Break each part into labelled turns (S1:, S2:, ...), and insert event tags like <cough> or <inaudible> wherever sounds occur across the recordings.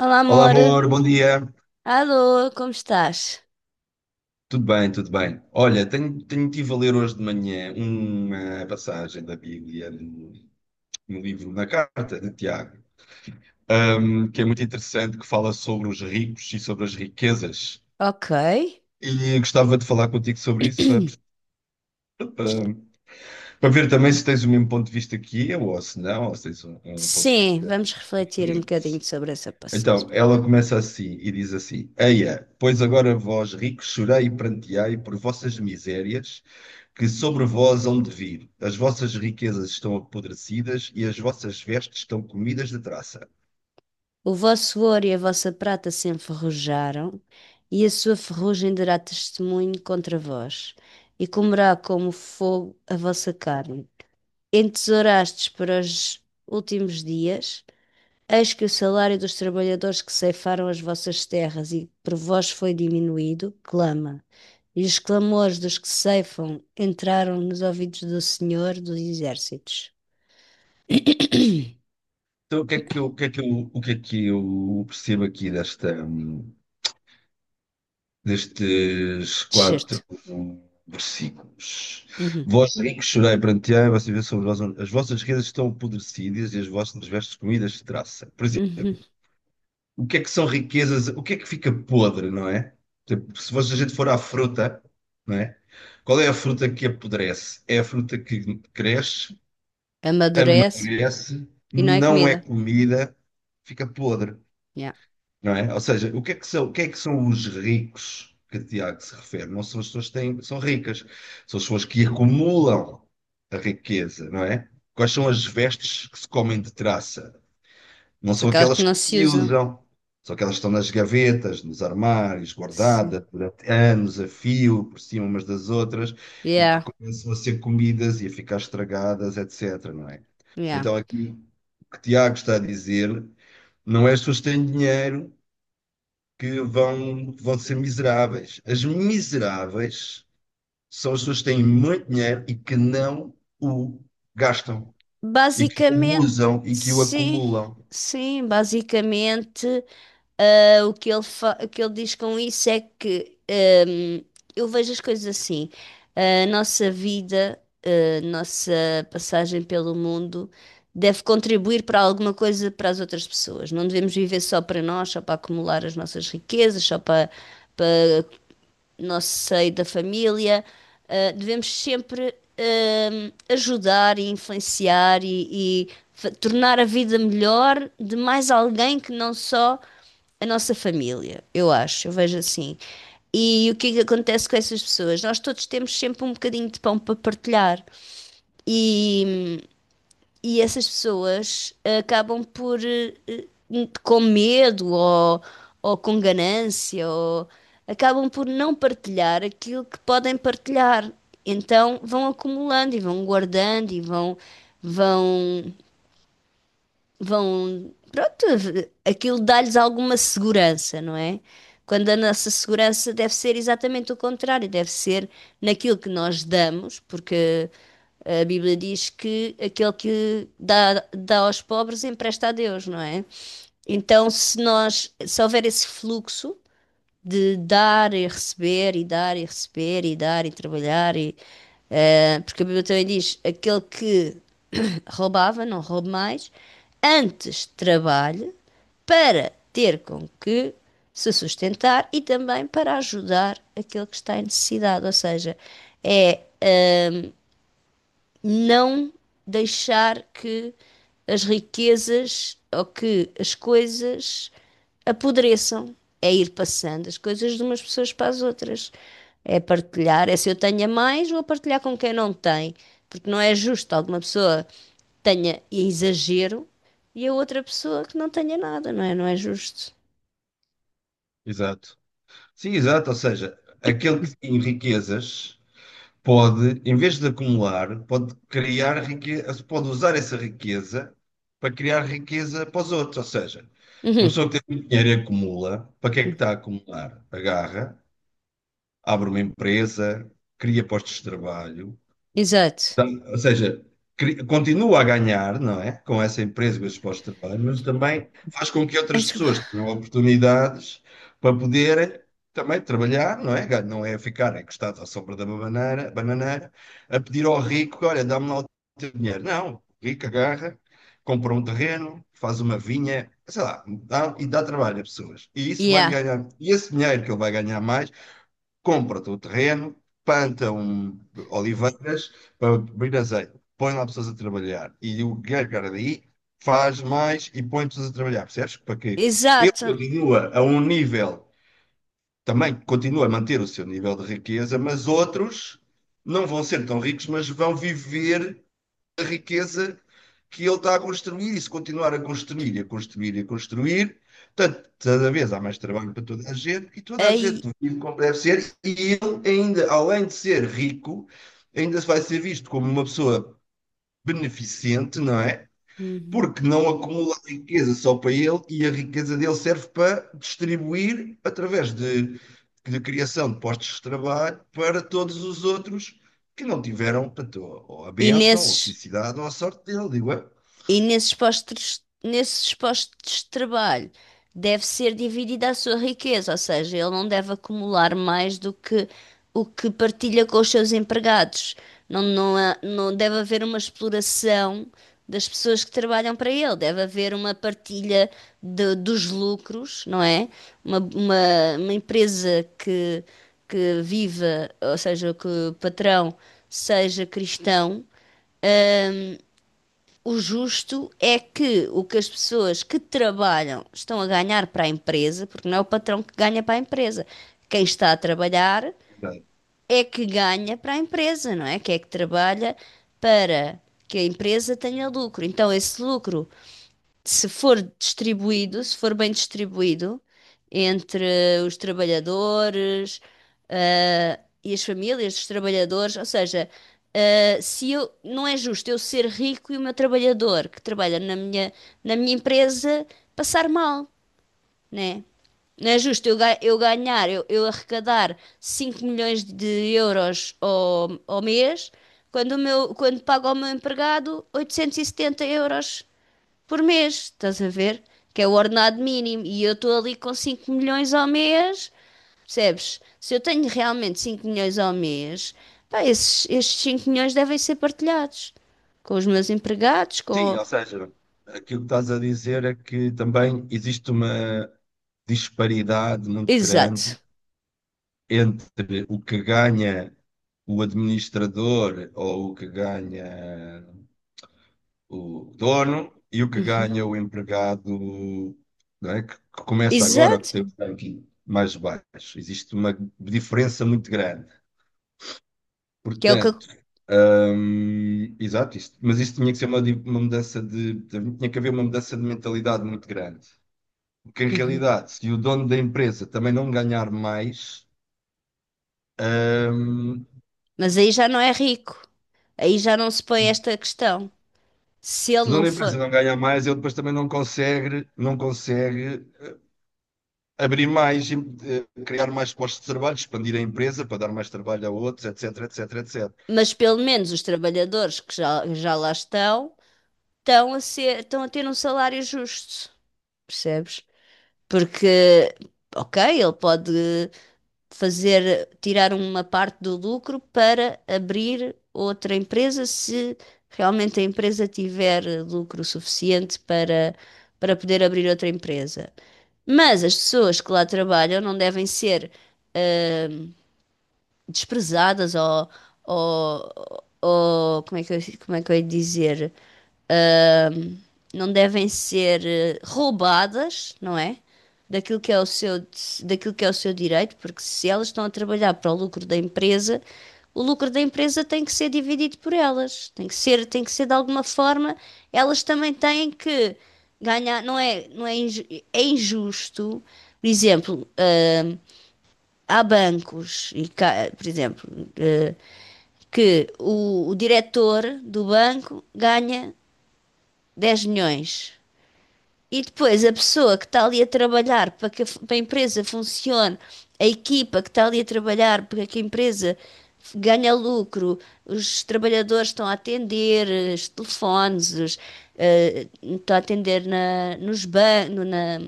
S1: Olá,
S2: Olá,
S1: amor.
S2: amor, bom dia.
S1: Alô, como estás?
S2: Tudo bem, tudo bem. Olha, tenho, tenho tive a ler hoje de manhã uma passagem da Bíblia no livro, na carta de Tiago, que é muito interessante, que fala sobre os ricos e sobre as riquezas.
S1: Ok.
S2: E gostava de falar contigo sobre isso
S1: <clears throat>
S2: para, para ver também se tens o mesmo ponto de vista que eu, ou se não, ou se tens um ponto de
S1: Sim,
S2: vista
S1: vamos refletir um bocadinho
S2: diferente.
S1: sobre essa passagem.
S2: Então, ela começa assim e diz assim: Eia, pois agora vós ricos chorai e pranteai por vossas misérias que sobre vós hão de vir. As vossas riquezas estão apodrecidas e as vossas vestes estão comidas de traça.
S1: O vosso ouro e a vossa prata se enferrujaram, e a sua ferrugem dará testemunho contra vós, e comerá como fogo a vossa carne. Entesourastes para os últimos dias, eis que o salário dos trabalhadores que ceifaram as vossas terras e por vós foi diminuído, clama. E os clamores dos que ceifam entraram nos ouvidos do Senhor dos Exércitos.
S2: Então, o que é que eu, o que é que eu, o que é que eu percebo aqui destes
S1: Certo.
S2: quatro versículos?
S1: Uhum.
S2: Vós ricos chorai perante a e vocês vê sobre vós as vossas riquezas estão apodrecidas e as vossas vestes comidas de traça. Por exemplo,
S1: Uhum.
S2: o que é que são riquezas, o que é que fica podre, não é? Tipo, se fosse- a gente for à fruta, não é? Qual é a fruta que apodrece? É a fruta que cresce,
S1: Amadurece
S2: amadurece,
S1: e não é
S2: não é
S1: comida.
S2: comida, fica podre,
S1: Yeah.
S2: não é? Ou seja, o que é que são os ricos que Tiago se refere? Não são as pessoas que têm, são ricas, são as pessoas que acumulam a riqueza, não é? Quais são as vestes que se comem de traça? Não
S1: São
S2: são
S1: aquelas que
S2: aquelas que
S1: não se
S2: se
S1: usam.
S2: usam, são aquelas que estão nas gavetas, nos armários,
S1: Sim.
S2: guardadas durante anos a fio, por cima umas das outras, e que
S1: Yeah.
S2: começam a ser comidas e a ficar estragadas, etc. Não é?
S1: Yeah.
S2: Então, aqui o que Tiago está a dizer não é as pessoas que têm dinheiro que vão ser miseráveis. As miseráveis são as pessoas que têm muito dinheiro e que não o gastam, e que o
S1: Basicamente,
S2: usam e que o
S1: sim.
S2: acumulam.
S1: Sim, basicamente. Ah, o que ele diz com isso é que eu vejo as coisas assim. A nossa vida, a nossa passagem pelo mundo deve contribuir para alguma coisa para as outras pessoas. Não devemos viver só para nós, só para acumular as nossas riquezas, só para nosso seio da família. Ah, devemos sempre ajudar e influenciar e, tornar a vida melhor de mais alguém que não só a nossa família. Eu acho, eu vejo assim. E o que é que acontece com essas pessoas? Nós todos temos sempre um bocadinho de pão para partilhar. E e essas pessoas, acabam por, com medo, ou com ganância, ou acabam por não partilhar aquilo que podem partilhar. Então vão acumulando e vão guardando e vão vão, pronto, aquilo dá-lhes alguma segurança, não é? Quando a nossa segurança deve ser exatamente o contrário, deve ser naquilo que nós damos, porque a Bíblia diz que aquele que dá, dá aos pobres empresta a Deus, não é? Então, se nós, se houver esse fluxo de dar e receber, e dar e receber, e dar e trabalhar, e, porque a Bíblia também diz: aquele que <coughs> roubava, não roube mais, antes trabalhe para ter com que se sustentar e também para ajudar aquele que está em necessidade. Ou seja, é não deixar que as riquezas ou que as coisas apodreçam. É ir passando as coisas de umas pessoas para as outras. É partilhar, é, se eu tenho a mais, vou partilhar com quem não tem. Porque não é justo alguma pessoa tenha exagero e a outra pessoa que não tenha nada, não é? Não é justo.
S2: Exato. Sim, exato. Ou seja, aquele que tem riquezas pode, em vez de acumular, pode criar riqueza, pode usar essa riqueza para criar riqueza para os outros. Ou seja, uma
S1: Uhum.
S2: pessoa que tem muito dinheiro e acumula, para que é que
S1: Uhum.
S2: está a acumular? Agarra, abre uma empresa, cria postos de trabalho.
S1: Exato.
S2: Ou seja, continua a ganhar, não é? Com essa empresa, com esses postos de trabalho, mas também faz com que
S1: Ai,
S2: outras
S1: desculpa.
S2: pessoas tenham oportunidades para poderem também trabalhar, não é? Não é ficar encostado à sombra da bananeira, a pedir ao rico, olha, dá-me lá o teu dinheiro. Não, o rico agarra, compra um terreno, faz uma vinha, sei lá, e dá trabalho a pessoas. E isso vai-lhe
S1: Yeah.
S2: ganhar. E esse dinheiro que ele vai ganhar mais, compra o terreno, planta um oliveiras para abrir azeite, põe lá pessoas a trabalhar e o Guilherme Caradi faz mais e põe pessoas a trabalhar, percebes? Para que ele
S1: Exato.
S2: continua a um nível, também continua a manter o seu nível de riqueza, mas outros não vão ser tão ricos, mas vão viver a riqueza que ele está a construir e se continuar a construir e a construir e a construir, portanto, cada vez há mais trabalho para toda a gente e toda a
S1: Aí.
S2: gente vive como deve ser e ele ainda, além de ser rico, ainda vai ser visto como uma pessoa beneficente, não é?
S1: Uhum.
S2: Porque não acumula riqueza só para ele e a riqueza dele serve para distribuir através de criação de postos de trabalho para todos os outros que não tiveram, portanto, ou a
S1: E
S2: bênção, ou a
S1: nesses
S2: felicidade, ou a sorte dele, digo eu.
S1: E nesses postos de trabalho deve ser dividida a sua riqueza, ou seja, ele não deve acumular mais do que o que partilha com os seus empregados. Não, não, não deve haver uma exploração das pessoas que trabalham para ele, deve haver uma partilha dos lucros, não é? Uma, uma, uma empresa que, viva, ou seja, que o patrão seja cristão, o justo é que o que as pessoas que trabalham estão a ganhar para a empresa, porque não é o patrão que ganha para a empresa. Quem está a trabalhar
S2: Exato.
S1: é que ganha para a empresa, não é? Que é que trabalha para que a empresa tenha lucro. Então, esse lucro, se for distribuído, se for bem distribuído entre os trabalhadores, ah, e as famílias dos trabalhadores, ou seja, ah, se eu, não é justo eu ser rico e o meu trabalhador que trabalha na minha empresa passar mal, né? Não é justo eu, eu ganhar, eu arrecadar 5 milhões de euros ao mês, quando, o meu, quando pago ao meu empregado 870 euros por mês, estás a ver? Que é o ordenado mínimo. E eu estou ali com 5 milhões ao mês, percebes? Se eu tenho realmente 5 milhões ao mês, pá, esses, estes 5 milhões devem ser partilhados com os meus empregados,
S2: Sim,
S1: com.
S2: ou seja, aquilo que estás a dizer é que também existe uma disparidade muito grande
S1: Exato.
S2: entre o que ganha o administrador ou o que ganha o dono e o que
S1: Uhum.
S2: ganha o empregado, não é? Que começa agora, que
S1: Exato.
S2: tem um ranking mais baixo. Existe uma diferença muito grande.
S1: Que é o que,
S2: Portanto, exato, isto, mas isso tinha que ser uma mudança. Tinha que haver uma mudança de mentalidade muito grande. Porque, em
S1: Uhum.
S2: realidade, se o dono da empresa também não ganhar mais, hum,
S1: Mas aí já não é rico. Aí já não se põe esta questão. Se
S2: se
S1: ele
S2: o dono
S1: não
S2: da
S1: for.
S2: empresa não ganhar mais, ele depois também não consegue, não consegue abrir mais, criar mais postos de trabalho, expandir a empresa para dar mais trabalho a outros, etc, etc, etc.
S1: Mas pelo menos os trabalhadores que já lá estão, estão a ter um salário justo. Percebes? Porque, ok, ele pode fazer, tirar uma parte do lucro para abrir outra empresa se realmente a empresa tiver lucro suficiente para poder abrir outra empresa. Mas as pessoas que lá trabalham não devem ser desprezadas, ou, ou como é que como é que eu ia dizer? Não devem ser roubadas, não é? Daquilo que é o seu, daquilo que é o seu direito, porque se elas estão a trabalhar para o lucro da empresa, o lucro da empresa tem que ser dividido por elas. Tem que ser de alguma forma, elas também têm que ganhar, não é, não é, é injusto. Por exemplo, ah, há bancos e, por exemplo, eh, que o diretor do banco ganha 10 milhões. E depois a pessoa que está ali a trabalhar para que a empresa funcione, a equipa que está ali a trabalhar para que a empresa ganhe lucro, os trabalhadores estão a atender os telefones, os, estão a atender na, nos ban no- na,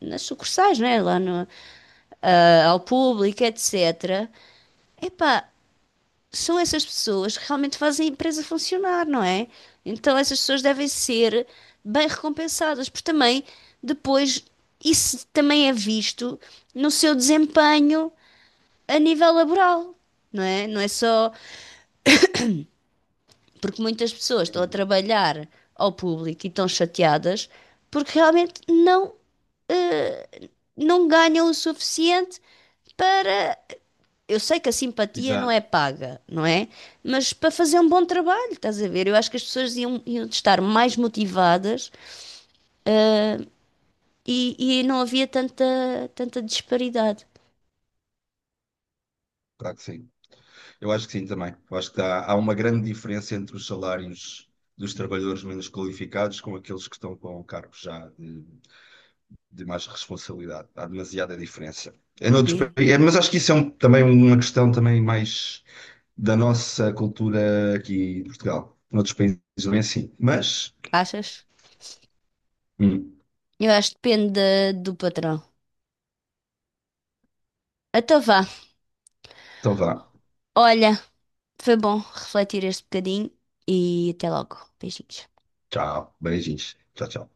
S1: nas sucursais, né? Lá no, ah, ao público, etc. Epá, são essas pessoas que realmente fazem a empresa funcionar, não é? Então essas pessoas devem ser bem recompensadas, porque também depois isso também é visto no seu desempenho a nível laboral, não é? Não é só porque muitas pessoas estão a
S2: Hum.
S1: trabalhar ao público e estão chateadas porque realmente não, eh, não ganham o suficiente para. Eu sei que a simpatia não é
S2: Exato.
S1: paga, não é? Mas para fazer um bom trabalho, estás a ver? Eu acho que as pessoas iam estar mais motivadas, ah, e, e não havia tanta, disparidade.
S2: Claro que sim. Eu acho que sim também. Eu acho que há uma grande diferença entre os salários dos trabalhadores menos qualificados com aqueles que estão com cargos já de mais responsabilidade. Há demasiada diferença. É noutros pa-
S1: E-
S2: é, mas acho que isso é também uma questão também mais da nossa cultura aqui em Portugal. Noutros países não é assim. Mas,
S1: Achas?
S2: hum,
S1: Eu acho que depende do patrão. Então vá.
S2: então vá.
S1: Olha, foi bom refletir este bocadinho e até logo. Beijinhos.
S2: Tchau. Beijinhos. Tchau, tchau.